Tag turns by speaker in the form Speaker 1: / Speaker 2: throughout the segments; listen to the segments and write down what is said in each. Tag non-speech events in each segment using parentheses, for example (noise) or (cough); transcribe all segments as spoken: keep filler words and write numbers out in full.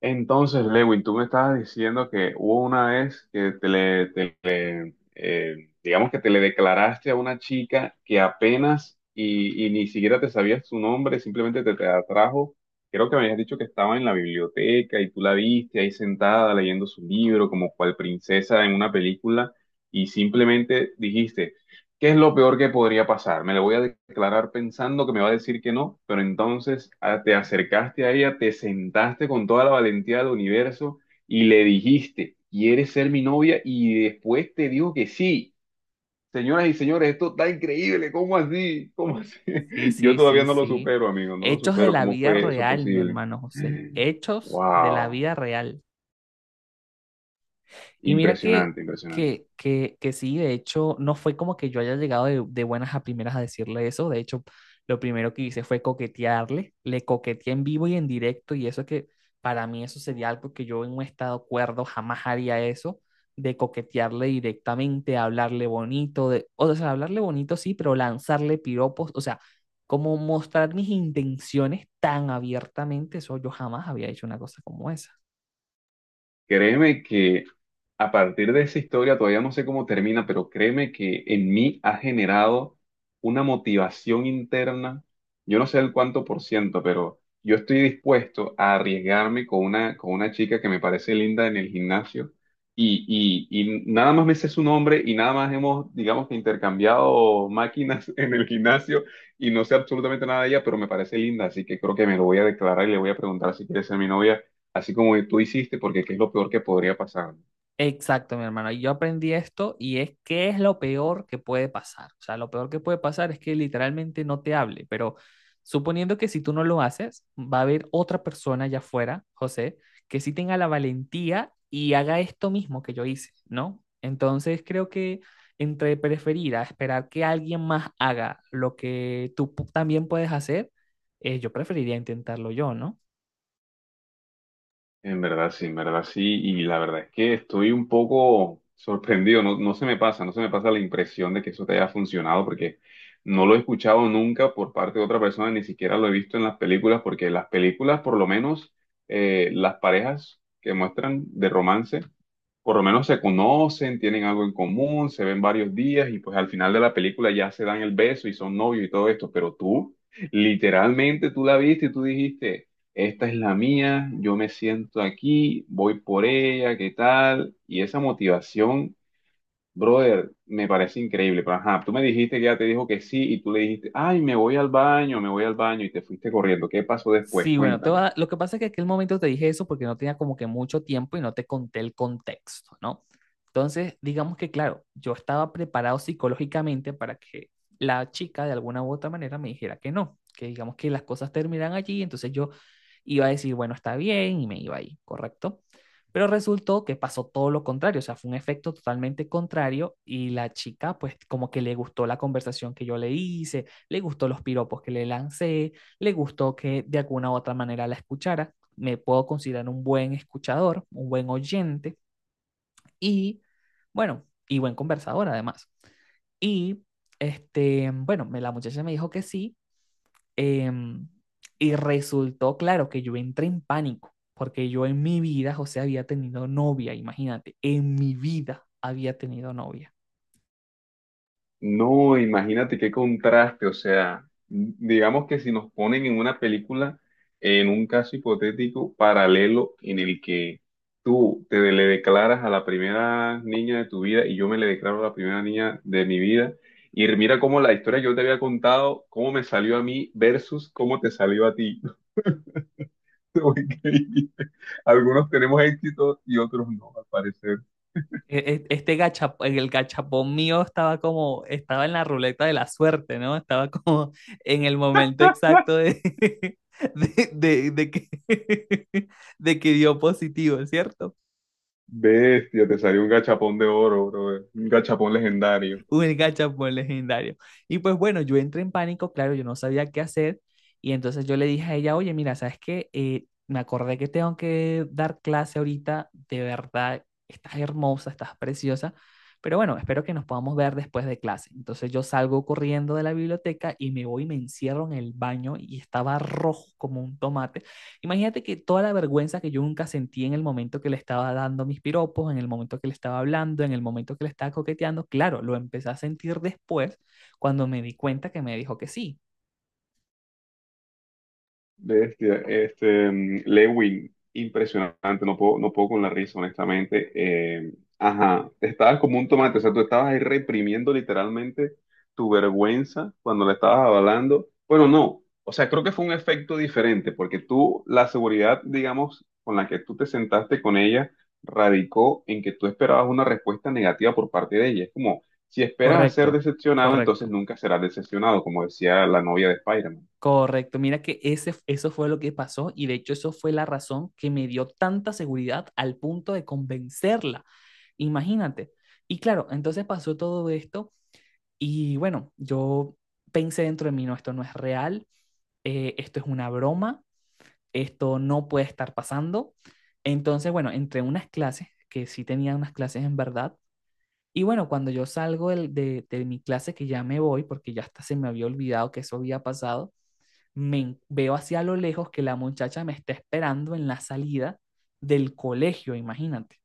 Speaker 1: Entonces, Lewin, tú me estabas diciendo que hubo una vez que te le, te le, eh, digamos que te le declaraste a una chica que apenas y, y ni siquiera te sabías su nombre, simplemente te, te atrajo. Creo que me habías dicho que estaba en la biblioteca y tú la viste ahí sentada leyendo su libro como cual princesa en una película y simplemente dijiste, ¿Qué es lo peor que podría pasar? Me le voy a declarar pensando que me va a decir que no, pero entonces ah, te acercaste a ella, te sentaste con toda la valentía del universo y le dijiste, ¿quieres ser mi novia? Y después te dijo que sí. Señoras y señores, esto está increíble, ¿cómo así? ¿Cómo así?
Speaker 2: Sí,
Speaker 1: (laughs) Yo
Speaker 2: sí,
Speaker 1: todavía
Speaker 2: sí,
Speaker 1: no lo
Speaker 2: sí.
Speaker 1: supero, amigo, no lo
Speaker 2: Hechos de
Speaker 1: supero.
Speaker 2: la
Speaker 1: ¿Cómo
Speaker 2: vida
Speaker 1: fue eso
Speaker 2: real, mi
Speaker 1: posible?
Speaker 2: hermano José. Hechos de la
Speaker 1: Wow,
Speaker 2: vida real. Y mira que,
Speaker 1: impresionante, impresionante.
Speaker 2: que, que, que sí, de hecho, no fue como que yo haya llegado de, de buenas a primeras a decirle eso. De hecho, lo primero que hice fue coquetearle. Le coqueteé en vivo y en directo y eso que para mí eso sería algo que yo en un estado cuerdo jamás haría eso de coquetearle directamente, hablarle bonito, de, o sea, hablarle bonito sí, pero lanzarle piropos, o sea, como mostrar mis intenciones tan abiertamente, eso yo jamás había hecho una cosa como esa.
Speaker 1: Créeme que a partir de esa historia, todavía no sé cómo termina, pero créeme que en mí ha generado una motivación interna. Yo no sé el cuánto por ciento, pero yo estoy dispuesto a arriesgarme con una, con una chica que me parece linda en el gimnasio. Y, y, y nada más me sé su nombre y nada más hemos, digamos que intercambiado máquinas (laughs) en el gimnasio y no sé absolutamente nada de ella, pero me parece linda, así que creo que me lo voy a declarar y le voy a preguntar si quiere ser mi novia así como tú hiciste, porque qué es lo peor que podría pasar.
Speaker 2: Exacto, mi hermano. y Yo aprendí esto y es que es lo peor que puede pasar. O sea, lo peor que puede pasar es que literalmente no te hable, pero suponiendo que si tú no lo haces, va a haber otra persona allá afuera, José, que sí tenga la valentía y haga esto mismo que yo hice, ¿no? Entonces creo que entre preferir a esperar que alguien más haga lo que tú pu- también puedes hacer, eh, yo preferiría intentarlo yo, ¿no?
Speaker 1: En verdad sí, en verdad sí, y la verdad es que estoy un poco sorprendido, no, no se me pasa, no se me pasa la impresión de que eso te haya funcionado, porque no lo he escuchado nunca por parte de otra persona, ni siquiera lo he visto en las películas, porque las películas, por lo menos, eh, las parejas que muestran de romance, por lo menos se conocen, tienen algo en común, se ven varios días y pues al final de la película ya se dan el beso y son novios y todo esto, pero tú, literalmente tú la viste y tú dijiste, esta es la mía, yo me siento aquí, voy por ella, ¿qué tal? Y esa motivación, brother, me parece increíble, pero ajá, tú me dijiste que ella te dijo que sí y tú le dijiste, ay, me voy al baño, me voy al baño y te fuiste corriendo, ¿qué pasó después?
Speaker 2: Sí, bueno, te voy a
Speaker 1: Cuéntame.
Speaker 2: dar- lo que pasa es que en aquel momento te dije eso porque no tenía como que mucho tiempo y no te conté el contexto, ¿no? Entonces, digamos que, claro, yo estaba preparado psicológicamente para que la chica de alguna u otra manera me dijera que no, que digamos que las cosas terminan allí, entonces yo iba a decir, bueno, está bien y me iba ahí, ¿correcto? Pero resultó que pasó todo lo contrario, o sea, fue un efecto totalmente contrario y la chica pues como que le gustó la conversación que yo le hice, le gustó los piropos que le lancé, le gustó que de alguna u otra manera la escuchara. Me puedo considerar un buen escuchador, un buen oyente y, bueno, y buen conversador además. Y, este, bueno, me- la muchacha me dijo que sí em, y resultó, claro, que yo entré en pánico porque yo en mi vida, José, había tenido novia, imagínate, en mi vida había tenido novia.
Speaker 1: No, imagínate qué contraste, o sea, digamos que si nos ponen en una película, en un caso hipotético paralelo en el que tú te le declaras a la primera niña de tu vida y yo me le declaro a la primera niña de mi vida, y mira cómo la historia que yo te había contado, cómo me salió a mí versus cómo te salió a ti. (laughs) Increíble. Algunos tenemos éxito y otros no, al parecer.
Speaker 2: E- e- Este gacha, el gachapón mío estaba como, estaba en la ruleta de la suerte, ¿no? Estaba (laughs) como en el momento exacto de, (laughs) de, de, de que, (laughs) de que dio positivo, ¿cierto?
Speaker 1: Bestia, te salió un gachapón de oro, bro, un gachapón legendario.
Speaker 2: (laughs) Un gachapón legendario. Y pues bueno, yo entré en pánico, claro, yo no sabía qué hacer. Y entonces yo le dije a ella, oye, mira, ¿sabes qué? Eh, me acordé que tengo que dar clase ahorita, de verdad, estás hermosa, estás preciosa, pero bueno, espero que nos podamos ver después de clase. Entonces yo salgo corriendo de la biblioteca y me voy y me encierro en el baño y estaba rojo como un tomate. Imagínate que toda la vergüenza que yo nunca sentí en el momento que le estaba dando mis piropos, en el momento que le estaba hablando, en el momento que le estaba coqueteando, claro, lo empecé a sentir después cuando me di cuenta que me dijo que sí.
Speaker 1: Bestia, este, este, mm, Lewin, impresionante, no puedo, no puedo con la risa, honestamente. Eh, ajá, estabas como un tomate, o sea, tú estabas ahí reprimiendo literalmente tu vergüenza cuando la estabas avalando. Bueno, no, o sea, creo que fue un efecto diferente, porque tú, la seguridad, digamos, con la que tú te sentaste con ella, radicó en que tú esperabas una respuesta negativa por parte de ella. Es como, si esperas a ser
Speaker 2: Correcto,
Speaker 1: decepcionado, entonces
Speaker 2: correcto,
Speaker 1: nunca serás decepcionado, como decía la novia de Spider-Man.
Speaker 2: correcto. Mira que ese, eso fue lo que pasó y de hecho eso fue la razón que me dio tanta seguridad al punto de convencerla. Imagínate. Y claro, entonces pasó todo esto y bueno, yo pensé dentro de mí, no, esto no es real, eh, esto es una broma, esto no puede estar pasando. Entonces, bueno, entre unas clases, que sí tenía unas clases en verdad, y bueno, cuando yo salgo del- de, de mi clase, que ya me voy, porque ya hasta se me había olvidado que eso había pasado, me en- veo hacia lo lejos que la muchacha me está esperando en la salida del colegio, imagínate.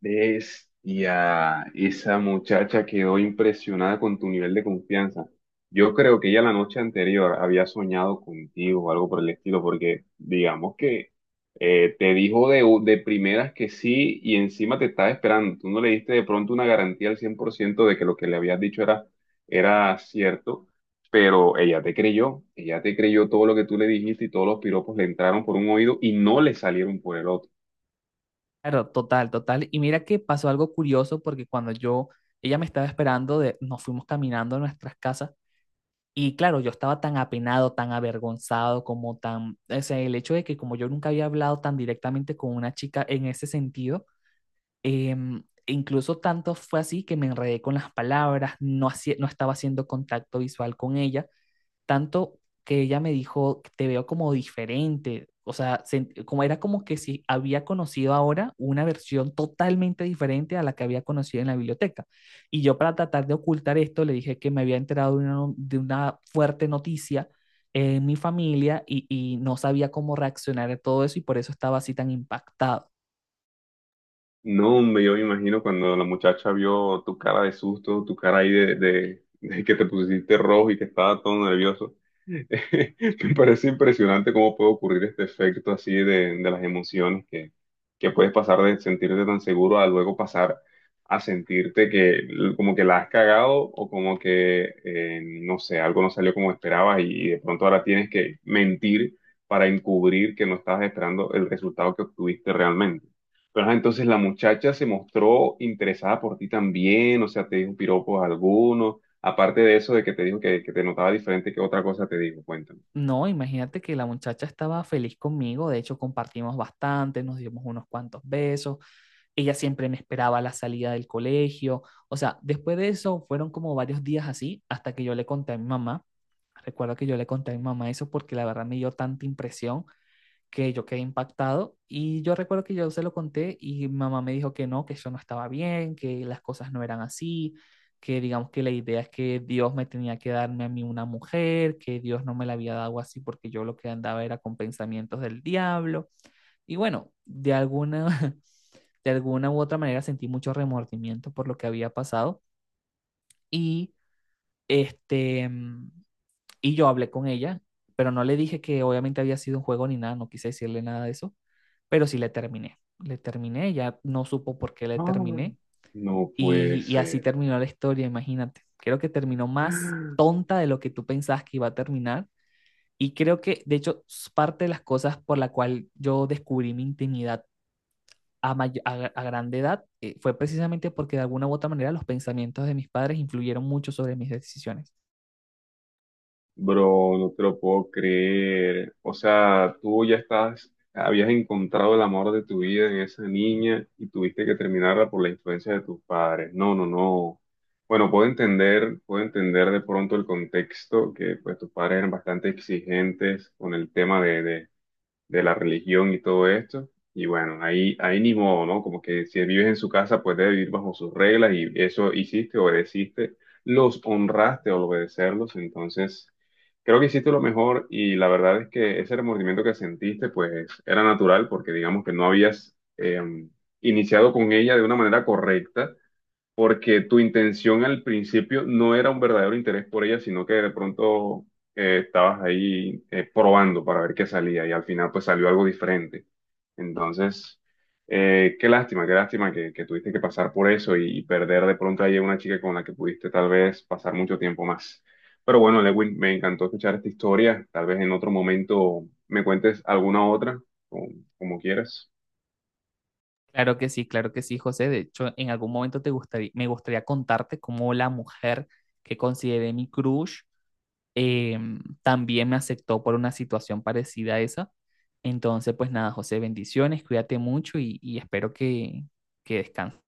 Speaker 1: Ves y a esa muchacha quedó impresionada con tu nivel de confianza. Yo creo que ella la noche anterior había soñado contigo o algo por el estilo, porque digamos que eh, te dijo de, u- de primeras que sí y encima te estaba esperando. Tú no le diste de pronto una garantía al cien por ciento de que lo que le habías dicho era, era cierto, pero ella te creyó, ella te creyó todo lo que tú le dijiste y todos los piropos le entraron por un oído y no le salieron por el otro.
Speaker 2: Claro, total, total. Y mira que pasó algo curioso porque cuando yo, ella me estaba esperando, de, nos fuimos caminando a nuestras casas. Y claro, yo estaba tan apenado, tan avergonzado, como tan, o sea, el hecho de que como yo nunca había hablado tan directamente con una chica en ese sentido, em, e incluso tanto fue así que me enredé con las palabras, no, hacía- no estaba haciendo contacto visual con ella, tanto que ella me dijo, te veo como diferente, o sea, se- como era como que si había conocido ahora una versión totalmente diferente a la que había conocido en la biblioteca. Y yo para tratar de ocultar esto le dije que me había enterado de una, no- de una fuerte noticia en mi familia y, y no sabía cómo reaccionar a todo eso y por eso estaba así tan impactado.
Speaker 1: No, hombre, yo me imagino cuando la muchacha vio tu cara de susto, tu cara ahí de, de, (laughs) de que te pusiste rojo y que estaba todo nervioso. (laughs) Me parece impresionante cómo puede ocurrir este efecto así de, de las emociones que, que puedes pasar de sentirte tan seguro a luego pasar a sentirte que l- como que la has cagado o como que, eh, no sé, algo no salió como esperabas y, y de pronto ahora tienes que mentir para encubrir que no estabas esperando el resultado que obtuviste realmente. Pero ajá, entonces la muchacha se mostró interesada por ti también, o sea, te dijo piropos algunos Aparte de eso, de que te dijo que, que te notaba diferente, ¿qué otra cosa te dijo? Cuéntame.
Speaker 2: No, imagínate que la muchacha estaba feliz conmigo, de hecho compartimos bastante, nos dimos unos cuantos besos, ella siempre me esperaba a la salida del colegio. O sea, después de eso fueron como varios días así hasta que yo le conté a mi mamá. Recuerdo que yo le conté a mi mamá eso porque la verdad me dio tanta impresión que yo quedé impactado y yo recuerdo que yo se lo conté y mi mamá me dijo que no, que yo no estaba bien, que las cosas no eran así, que digamos que la idea es que Dios me tenía que darme a mí una mujer, que Dios no me la había dado así porque yo lo que andaba era con pensamientos del diablo. Y bueno, de alguna, (laughs) de alguna u otra manera sentí mucho remordimiento por lo que había pasado y este, mm, y yo hablé con ella, pero no le dije que obviamente había sido un juego ni nada, no quise decirle nada de eso, pero sí le terminé. Le terminé, ella no supo por qué le
Speaker 1: Ay,
Speaker 2: terminé.
Speaker 1: no puede
Speaker 2: Y, y así
Speaker 1: ser.
Speaker 2: terminó la historia, imagínate. Creo que terminó más tonta de lo que tú pensabas que iba a terminar y creo que de hecho s- parte de las cosas por la cual yo descubrí mi intimidad a, mayor, a, a grande edad eh, fue precisamente porque de alguna u otra manera los pensamientos de mis padres influyeron mucho sobre mis decisiones.
Speaker 1: Bro, no te lo puedo creer. O sea, tú ya estás, habías encontrado el amor de tu vida en esa niña y tuviste que terminarla por la influencia de tus padres. No, no, no. Bueno, puedo entender, puedo entender de pronto el contexto, que pues tus padres eran bastante exigentes con el tema de, de, de la religión y todo esto. Y bueno, ahí, ahí ni modo, ¿no? Como que si vives en su casa, pues debe vivir bajo sus reglas y eso hiciste, obedeciste, los honraste al obedecerlos. Entonces, creo que hiciste lo mejor y la verdad es que ese remordimiento que sentiste, pues era natural porque digamos que no habías eh, iniciado con ella de una manera correcta porque tu intención al principio no era un verdadero interés por ella, sino que de pronto eh, estabas ahí eh, probando para ver qué salía y al final pues salió algo diferente. Entonces, eh, qué lástima, qué lástima que, que tuviste que pasar por eso y, y perder de pronto ahí a una chica con la que pudiste tal vez pasar mucho tiempo más. Pero bueno, Lewin, me encantó escuchar esta historia. Tal vez en otro momento me cuentes alguna otra, como, como quieras.
Speaker 2: Claro que sí, claro que sí, José. De hecho, en algún momento te gustaría, me gustaría contarte cómo la mujer que consideré mi crush eh, también me aceptó por una situación parecida a esa. Entonces, pues nada, José, bendiciones, cuídate mucho y, y espero que, que descanses.